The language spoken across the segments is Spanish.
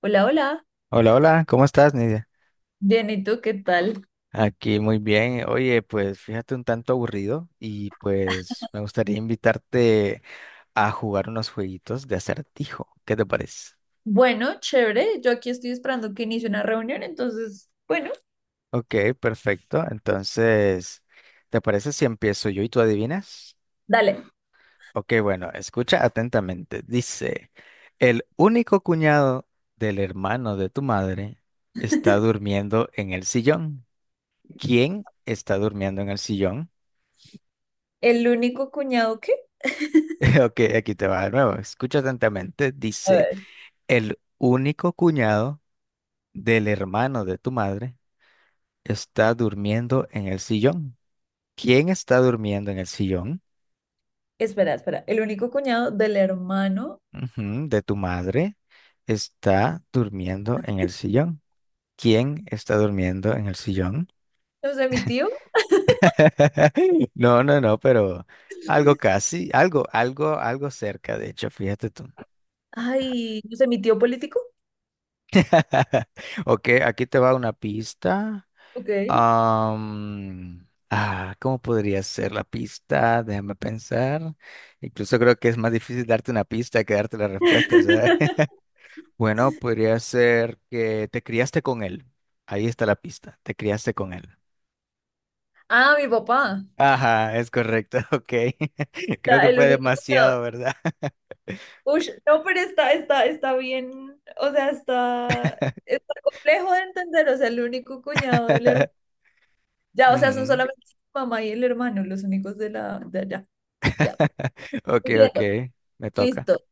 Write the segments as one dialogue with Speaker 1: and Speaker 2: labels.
Speaker 1: Hola, hola.
Speaker 2: Hola, hola, ¿cómo estás, Nidia?
Speaker 1: Bien, ¿y tú qué tal?
Speaker 2: Aquí muy bien. Oye, pues fíjate un tanto aburrido y pues me gustaría invitarte a jugar unos jueguitos de acertijo. ¿Qué te parece?
Speaker 1: Bueno, chévere. Yo aquí estoy esperando que inicie una reunión, entonces, bueno,
Speaker 2: Ok, perfecto. Entonces, ¿te parece si empiezo yo y tú adivinas?
Speaker 1: dale.
Speaker 2: Ok, bueno, escucha atentamente. Dice, el único cuñado del hermano de tu madre está durmiendo en el sillón. ¿Quién está durmiendo en el sillón?
Speaker 1: El único cuñado que...
Speaker 2: Ok, aquí te va de nuevo. Escucha atentamente.
Speaker 1: A
Speaker 2: Dice,
Speaker 1: ver,
Speaker 2: el único cuñado del hermano de tu madre está durmiendo en el sillón. ¿Quién está durmiendo en el sillón?
Speaker 1: espera. El único cuñado del hermano,
Speaker 2: Ujú, de tu madre está durmiendo en el sillón. ¿Quién está durmiendo en el sillón?
Speaker 1: no sé, mi tío.
Speaker 2: No, no, no, pero algo casi, algo, algo, algo cerca, de hecho, fíjate tú.
Speaker 1: Ay, no sé, mi tío político.
Speaker 2: Ok, aquí te va una pista.
Speaker 1: Ok.
Speaker 2: ¿Cómo podría ser la pista? Déjame pensar. Incluso creo que es más difícil darte una pista que darte la respuesta, ¿sabes? Bueno, podría ser que te criaste con él. Ahí está la pista. Te criaste con él.
Speaker 1: Ah, mi papá.
Speaker 2: Ajá, es correcto. Ok. Creo
Speaker 1: Está
Speaker 2: que
Speaker 1: el
Speaker 2: fue
Speaker 1: único
Speaker 2: demasiado,
Speaker 1: cuñado.
Speaker 2: ¿verdad?
Speaker 1: Ush, no, pero está bien. O sea, está complejo de entender. O sea, el único cuñado del hermano. Ya, o sea, son
Speaker 2: Ujú.
Speaker 1: solamente su mamá y el hermano, los únicos de la de allá. Ya.
Speaker 2: Ok, ok.
Speaker 1: Entiendo.
Speaker 2: Me toca.
Speaker 1: Listo.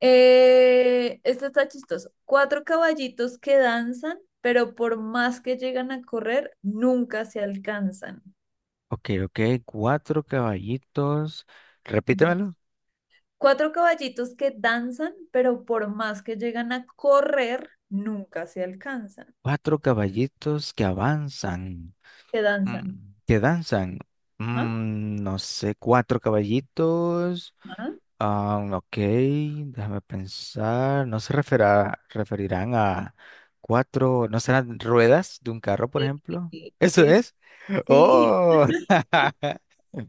Speaker 1: Esto está chistoso. Cuatro caballitos que danzan, pero por más que llegan a correr, nunca se alcanzan.
Speaker 2: Ok, ok. Cuatro caballitos.
Speaker 1: Ujú.
Speaker 2: Repítemelo.
Speaker 1: Cuatro caballitos que danzan, pero por más que llegan a correr, nunca se alcanzan.
Speaker 2: Cuatro caballitos que avanzan.
Speaker 1: Que danzan.
Speaker 2: Mm, ¿qué danzan?
Speaker 1: Ajá,
Speaker 2: Mm, no sé, cuatro caballitos.
Speaker 1: ajá.
Speaker 2: Ah, ok, déjame pensar. No se referirán a cuatro, ¿no serán ruedas de un carro, por
Speaker 1: Sí,
Speaker 2: ejemplo?
Speaker 1: sí,
Speaker 2: ¿Eso
Speaker 1: sí,
Speaker 2: es?
Speaker 1: sí.
Speaker 2: ¡Oh!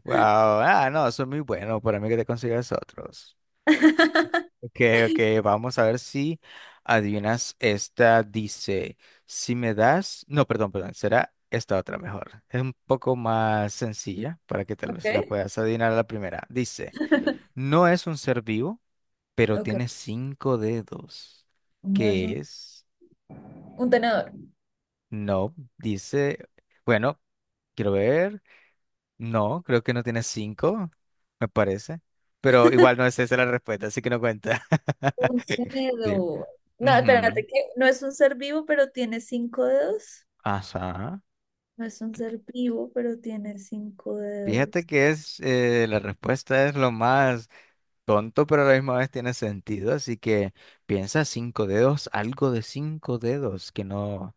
Speaker 2: ¡Wow! Ah, no, eso es muy bueno para mí que te consigas otros. Ok, ok, vamos a ver si adivinas esta. Dice, si me das, no, perdón, perdón, será esta otra mejor. Es un poco más sencilla para que tal vez la
Speaker 1: Ok.
Speaker 2: puedas adivinar a la primera. Dice, no es un ser vivo, pero tiene cinco dedos.
Speaker 1: Ok.
Speaker 2: ¿Qué es?
Speaker 1: Un tenedor.
Speaker 2: No, dice, bueno, quiero ver. No, creo que no tiene cinco, me parece. Pero igual no es esa la respuesta, así que no cuenta.
Speaker 1: Un
Speaker 2: Sí.
Speaker 1: tenedor. No,
Speaker 2: Ujú.
Speaker 1: espérate, que no es un ser vivo, pero tiene cinco dedos.
Speaker 2: Ajá.
Speaker 1: No es un ser vivo, pero tiene cinco
Speaker 2: Fíjate
Speaker 1: dedos.
Speaker 2: que es la respuesta es lo más tonto, pero a la misma vez tiene sentido. Así que piensa cinco dedos, algo de cinco dedos,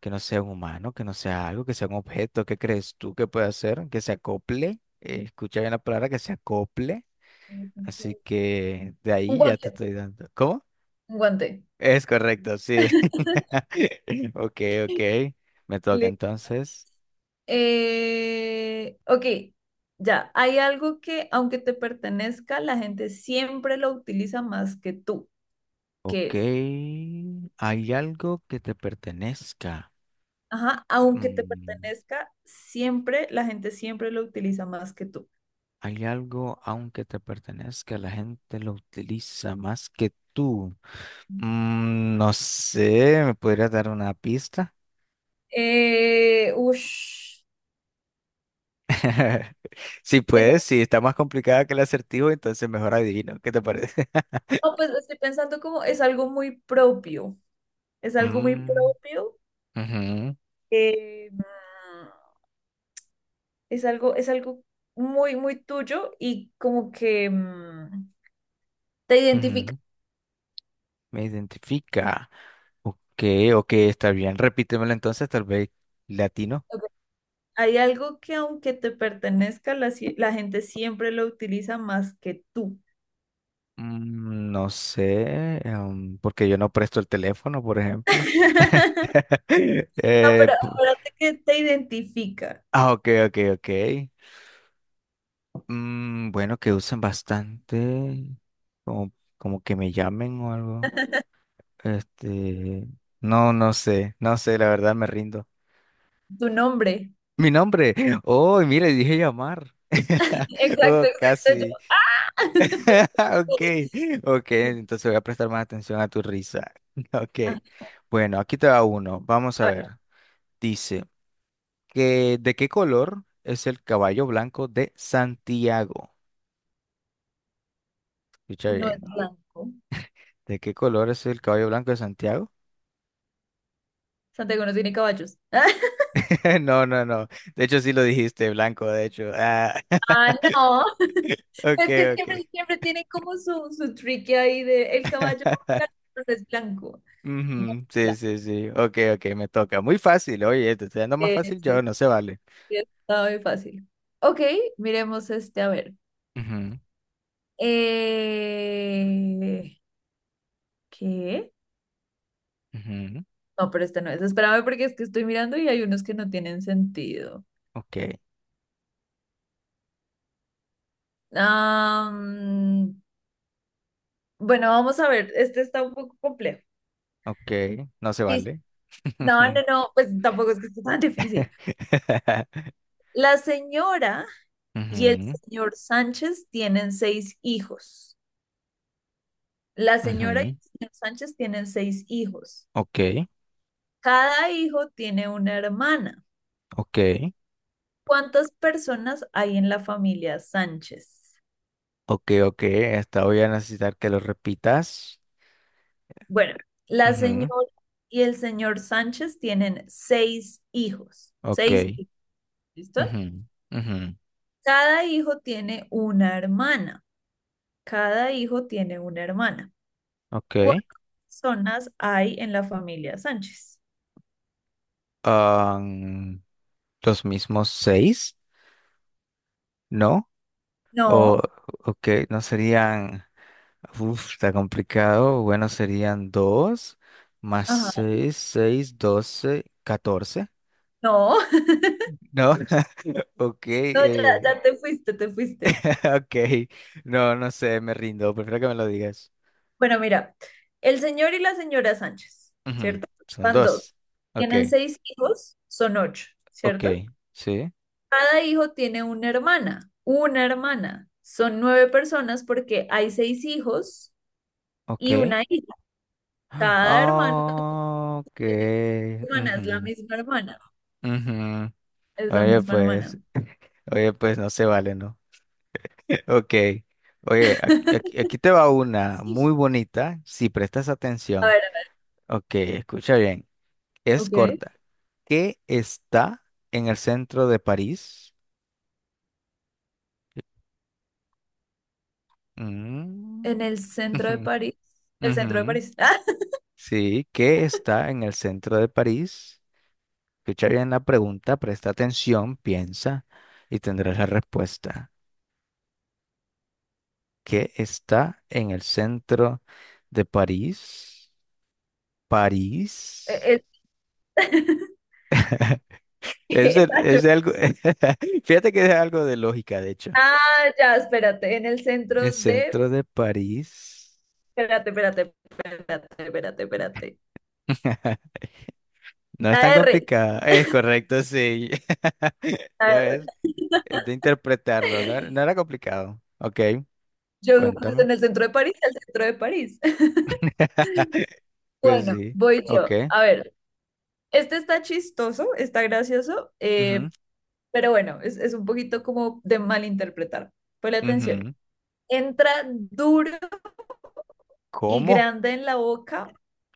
Speaker 2: que no sea un humano, que no sea algo, que sea un objeto. ¿Qué crees tú que puede hacer? Que se acople. Escucha bien la palabra, que se acople.
Speaker 1: Un
Speaker 2: Así que de ahí ya te
Speaker 1: guante,
Speaker 2: estoy dando. ¿Cómo?
Speaker 1: un guante.
Speaker 2: Es correcto, sí. Ok, ok. Me toca
Speaker 1: Le-
Speaker 2: entonces.
Speaker 1: Ok, ya. Hay algo que, aunque te pertenezca, la gente siempre lo utiliza más que tú, qué
Speaker 2: Ok,
Speaker 1: es,
Speaker 2: hay algo que te pertenezca.
Speaker 1: ajá, aunque te
Speaker 2: Mm,
Speaker 1: pertenezca, siempre, la gente siempre lo utiliza más que tú.
Speaker 2: hay algo, aunque te pertenezca, la gente lo utiliza más que tú. Mm, no sé, ¿me podrías dar una pista?
Speaker 1: Ush,
Speaker 2: Si
Speaker 1: Es
Speaker 2: puedes, si está más complicada que el acertijo, entonces mejor adivino. ¿Qué te parece?
Speaker 1: No, pues estoy pensando como es algo muy propio, es algo muy
Speaker 2: Mm,
Speaker 1: propio,
Speaker 2: ujú,
Speaker 1: eh, mm, es algo muy, muy tuyo y como que te identifica.
Speaker 2: ujú, me identifica. Ok, ok, está bien. Repítemelo entonces, tal vez latino.
Speaker 1: Ok, hay algo que aunque te pertenezca, la gente siempre lo utiliza más que tú.
Speaker 2: Mm, no sé, porque yo no presto el teléfono, por ejemplo.
Speaker 1: No,
Speaker 2: Eh,
Speaker 1: pero
Speaker 2: pu-
Speaker 1: acuérdate que te identifica
Speaker 2: ah, ok, ok, ok. Mm, bueno, que usen bastante, como, como que me llamen o algo. Este, no, no sé, no sé, la verdad me rindo.
Speaker 1: tu nombre.
Speaker 2: Mi nombre. Oh, mire, dije llamar. Oh,
Speaker 1: Exacto, exacto.
Speaker 2: casi. Ok, ok, entonces voy a prestar más atención a tu risa.
Speaker 1: Ah,
Speaker 2: Ok, bueno, aquí te va uno. Vamos a
Speaker 1: a ver,
Speaker 2: ver. Dice que ¿de qué color es el caballo blanco de Santiago? Escucha
Speaker 1: no
Speaker 2: bien.
Speaker 1: es blanco.
Speaker 2: ¿De qué color es el caballo blanco de Santiago?
Speaker 1: Santiago no tiene caballos.
Speaker 2: No, no, no. De hecho, sí lo dijiste, blanco, de hecho. Ah.
Speaker 1: Ah, no.
Speaker 2: Ok,
Speaker 1: Es que
Speaker 2: ok.
Speaker 1: siempre, siempre tienen como su tricky ahí de el caballo blanco no es blanco.
Speaker 2: Ujú, sí,
Speaker 1: Bla,
Speaker 2: sí, sí. Ok, ok, me toca. Muy fácil, oye, te estoy dando más
Speaker 1: eh,
Speaker 2: fácil yo,
Speaker 1: sí,
Speaker 2: no se vale.
Speaker 1: sí, está muy fácil. Ok, miremos este, a ver.
Speaker 2: Ujú,
Speaker 1: Eh, ¿Qué?
Speaker 2: ujú,
Speaker 1: No, pero esta no es. Espérame porque es que estoy mirando y hay unos que no tienen sentido.
Speaker 2: ok,
Speaker 1: Am, bueno, vamos a ver. Este está un poco complejo.
Speaker 2: ok, no se
Speaker 1: Y-
Speaker 2: vale.
Speaker 1: No, no, no, pues tampoco es que esté tan difícil. La señora y el
Speaker 2: Ujú,
Speaker 1: señor Sánchez tienen seis hijos. La señora y
Speaker 2: ujú,
Speaker 1: el señor Sánchez tienen seis hijos.
Speaker 2: ok,
Speaker 1: Cada hijo tiene una hermana.
Speaker 2: ok.
Speaker 1: ¿Cuántas personas hay en la familia Sánchez?
Speaker 2: Ok, ok, esta voy a necesitar que lo repitas.
Speaker 1: Bueno, la
Speaker 2: Ujú,
Speaker 1: señora y el señor Sánchez tienen seis hijos.
Speaker 2: ok,
Speaker 1: Seis hijos, ¿listo?
Speaker 2: ujú, ujú,
Speaker 1: Cada hijo tiene una hermana. Cada hijo tiene una hermana.
Speaker 2: ok.
Speaker 1: ¿Cuántas personas hay en la familia Sánchez?
Speaker 2: Am, los mismos seis, ¿no? O,
Speaker 1: No,
Speaker 2: ok, no serían, uf, está complicado. Bueno, serían dos más
Speaker 1: ajá,
Speaker 2: seis, seis, doce, catorce,
Speaker 1: no.
Speaker 2: ¿no? Ok,
Speaker 1: No, ya, ya te fuiste.
Speaker 2: ok, no, no sé, me rindo, prefiero que me lo digas.
Speaker 1: Bueno, mira, el señor y la señora Sánchez,
Speaker 2: Ujú,
Speaker 1: ¿cierto?
Speaker 2: son
Speaker 1: Van dos.
Speaker 2: dos, ok,
Speaker 1: Tienen seis hijos, son ocho,
Speaker 2: ok,
Speaker 1: ¿cierto?
Speaker 2: sí,
Speaker 1: Cada hijo tiene una hermana, una hermana. Son nueve personas porque hay seis hijos y
Speaker 2: ok.
Speaker 1: una hija. Cada hermano
Speaker 2: Ah, ok.
Speaker 1: tiene una hermana, es la
Speaker 2: Ujú,
Speaker 1: misma hermana,
Speaker 2: ujú.
Speaker 1: es la
Speaker 2: Oye,
Speaker 1: misma hermana.
Speaker 2: pues, oye, pues no se vale, ¿no? Ok. Oye, aquí te va una muy bonita, si prestas
Speaker 1: A
Speaker 2: atención.
Speaker 1: ver,
Speaker 2: Ok, escucha bien. Es
Speaker 1: ok.
Speaker 2: corta. ¿Qué está en el centro de París?
Speaker 1: En
Speaker 2: Mm,
Speaker 1: el centro de
Speaker 2: ujú,
Speaker 1: París, el centro de
Speaker 2: ujú.
Speaker 1: París.
Speaker 2: Sí, ¿qué está en el centro de París? Escucha bien la pregunta, presta atención, piensa y tendrás la respuesta. Que está en el centro de París.
Speaker 1: Ah,
Speaker 2: París.
Speaker 1: eh,
Speaker 2: Es
Speaker 1: exacto.
Speaker 2: de algo, fíjate que es algo de lógica, de hecho.
Speaker 1: Ah, ya, espérate, en el centro
Speaker 2: El
Speaker 1: de...
Speaker 2: centro de París.
Speaker 1: Espérate.
Speaker 2: No es
Speaker 1: La
Speaker 2: tan
Speaker 1: R,
Speaker 2: complicado. Es correcto, sí.
Speaker 1: la
Speaker 2: Ya
Speaker 1: R.
Speaker 2: ves, es de interpretarlo. No, era no era complicado. Ok,
Speaker 1: Yo, pues,
Speaker 2: cuéntame.
Speaker 1: en el centro de París, el centro de París.
Speaker 2: Pues
Speaker 1: Bueno,
Speaker 2: sí,
Speaker 1: voy
Speaker 2: ok.
Speaker 1: yo. A ver, este está chistoso, está gracioso,
Speaker 2: Ujú,
Speaker 1: pero bueno, es un poquito como de malinterpretar. Ponle atención.
Speaker 2: ujú.
Speaker 1: Entra duro y
Speaker 2: ¿Cómo?
Speaker 1: grande en la boca,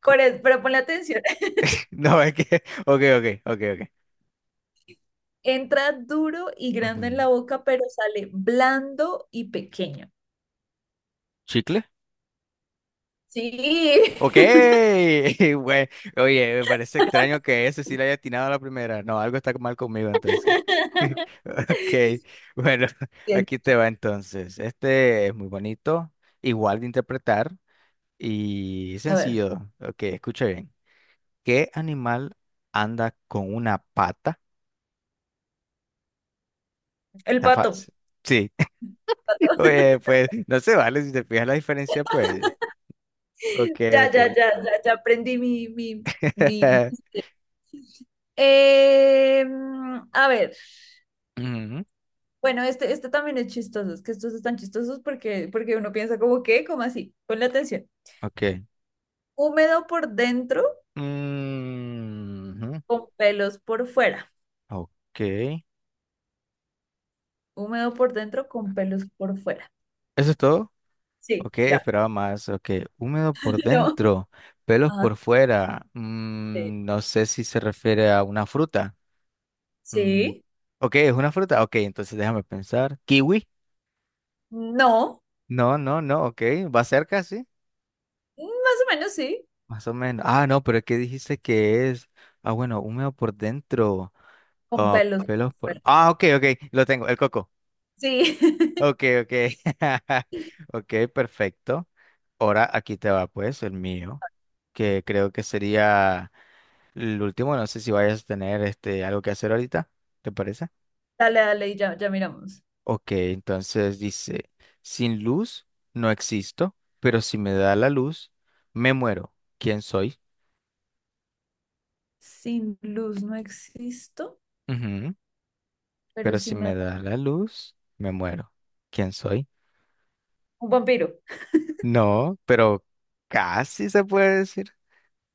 Speaker 2: Cu-
Speaker 1: pero ponle atención.
Speaker 2: No, es que. Ok, ok, ok, ok.
Speaker 1: Entra duro y
Speaker 2: Ujú.
Speaker 1: grande en la boca, pero sale blando y pequeño.
Speaker 2: ¿Chicle? Ok,
Speaker 1: Sí.
Speaker 2: güey. Oye, me parece extraño que ese sí le haya atinado a la primera. No, algo está mal conmigo entonces. Ok, bueno,
Speaker 1: Bien.
Speaker 2: aquí te va entonces. Este es muy bonito, igual de interpretar y
Speaker 1: A ver,
Speaker 2: sencillo. Ok, escucha bien. ¿Qué animal anda con una pata?
Speaker 1: el
Speaker 2: Está
Speaker 1: pato.
Speaker 2: fácil. Sí, oye, pues no se vale si te fijas la diferencia, pues. Ok,
Speaker 1: Ya, ya,
Speaker 2: ok.
Speaker 1: ya, ya, ya aprendí mi. Eh, a ver,
Speaker 2: Ujú,
Speaker 1: bueno, este también es chistoso, es que estos están chistosos porque, porque uno piensa como, ¿qué? Como así, ponle atención.
Speaker 2: ok.
Speaker 1: Húmedo por dentro,
Speaker 2: Mm,
Speaker 1: con pelos por fuera.
Speaker 2: ok, eso
Speaker 1: Húmedo por dentro con pelos por fuera.
Speaker 2: es todo.
Speaker 1: Sí,
Speaker 2: Ok,
Speaker 1: ya.
Speaker 2: esperaba más. Ok, húmedo por
Speaker 1: No.
Speaker 2: dentro, pelos
Speaker 1: Ajá.
Speaker 2: por fuera.
Speaker 1: Sí.
Speaker 2: Mm, no sé si se refiere a una fruta. Mm,
Speaker 1: Sí.
Speaker 2: ok, es una fruta. Ok, entonces déjame pensar. ¿Kiwi?
Speaker 1: No.
Speaker 2: No, no, no. Ok, va cerca, sí.
Speaker 1: Más o menos sí.
Speaker 2: Más o menos. Ah, no, pero ¿qué dijiste que es? Ah, bueno, húmedo por dentro.
Speaker 1: Con
Speaker 2: Ah,
Speaker 1: pelos por
Speaker 2: pelos por.
Speaker 1: fuera.
Speaker 2: Ah, ok, ok, lo tengo, el coco.
Speaker 1: Sí.
Speaker 2: Ok, ok. Ok, perfecto. Ahora aquí te va pues el mío, que creo que sería el último. No sé si vayas a tener este algo que hacer ahorita, ¿te parece?
Speaker 1: Dale, dale, y ya, ya miramos.
Speaker 2: Ok, entonces dice, sin luz no existo, pero si me da la luz, me muero. ¿Quién soy?
Speaker 1: Sin luz no existo,
Speaker 2: Ujú,
Speaker 1: pero
Speaker 2: pero
Speaker 1: sí
Speaker 2: si
Speaker 1: me
Speaker 2: me
Speaker 1: da...
Speaker 2: da la luz, me muero. ¿Quién soy?
Speaker 1: Un vampiro.
Speaker 2: No, pero casi se puede decir.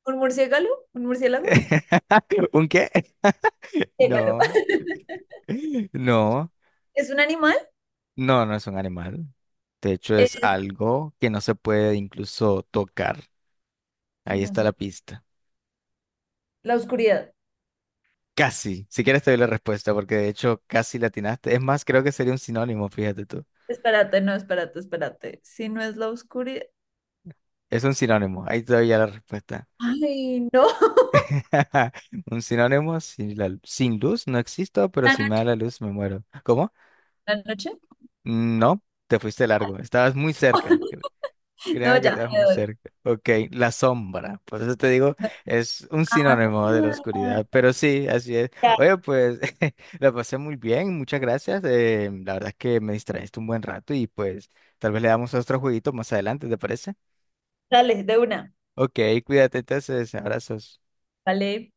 Speaker 1: ¿Un murciélago? ¿Un murciélago?
Speaker 2: ¿Un qué?
Speaker 1: Murciélago.
Speaker 2: No. No,
Speaker 1: ¿Es un animal?
Speaker 2: no, no es un animal. De hecho, es
Speaker 1: Es...
Speaker 2: algo que no se puede incluso tocar.
Speaker 1: que
Speaker 2: Ahí
Speaker 1: no
Speaker 2: está
Speaker 1: sé.
Speaker 2: la pista.
Speaker 1: La oscuridad.
Speaker 2: Casi. Si quieres te doy la respuesta, porque de hecho casi la atinaste. Es más, creo que sería un sinónimo, fíjate tú.
Speaker 1: Espérate, no, espérate. Si no es la oscuridad.
Speaker 2: Es un sinónimo. Ahí te doy ya la respuesta.
Speaker 1: Ay, no.
Speaker 2: Un sinónimo, sin luz no existo, pero
Speaker 1: ¿La
Speaker 2: si me da
Speaker 1: noche?
Speaker 2: la luz me muero. ¿Cómo?
Speaker 1: ¿La noche?
Speaker 2: No, te fuiste largo. Estabas muy cerca.
Speaker 1: No,
Speaker 2: Creo que
Speaker 1: ya
Speaker 2: estás
Speaker 1: me
Speaker 2: muy
Speaker 1: doy.
Speaker 2: cerca. Ok, la sombra. Por eso te digo, es un
Speaker 1: Ah,
Speaker 2: sinónimo de la oscuridad. Pero sí, así es.
Speaker 1: ya,
Speaker 2: Oye, pues la pasé muy bien. Muchas gracias. La verdad es que me distrajiste un buen rato y pues tal vez le damos otro jueguito más adelante, ¿te parece?
Speaker 1: dale, de una.
Speaker 2: Ok, cuídate entonces. Abrazos.
Speaker 1: Vale.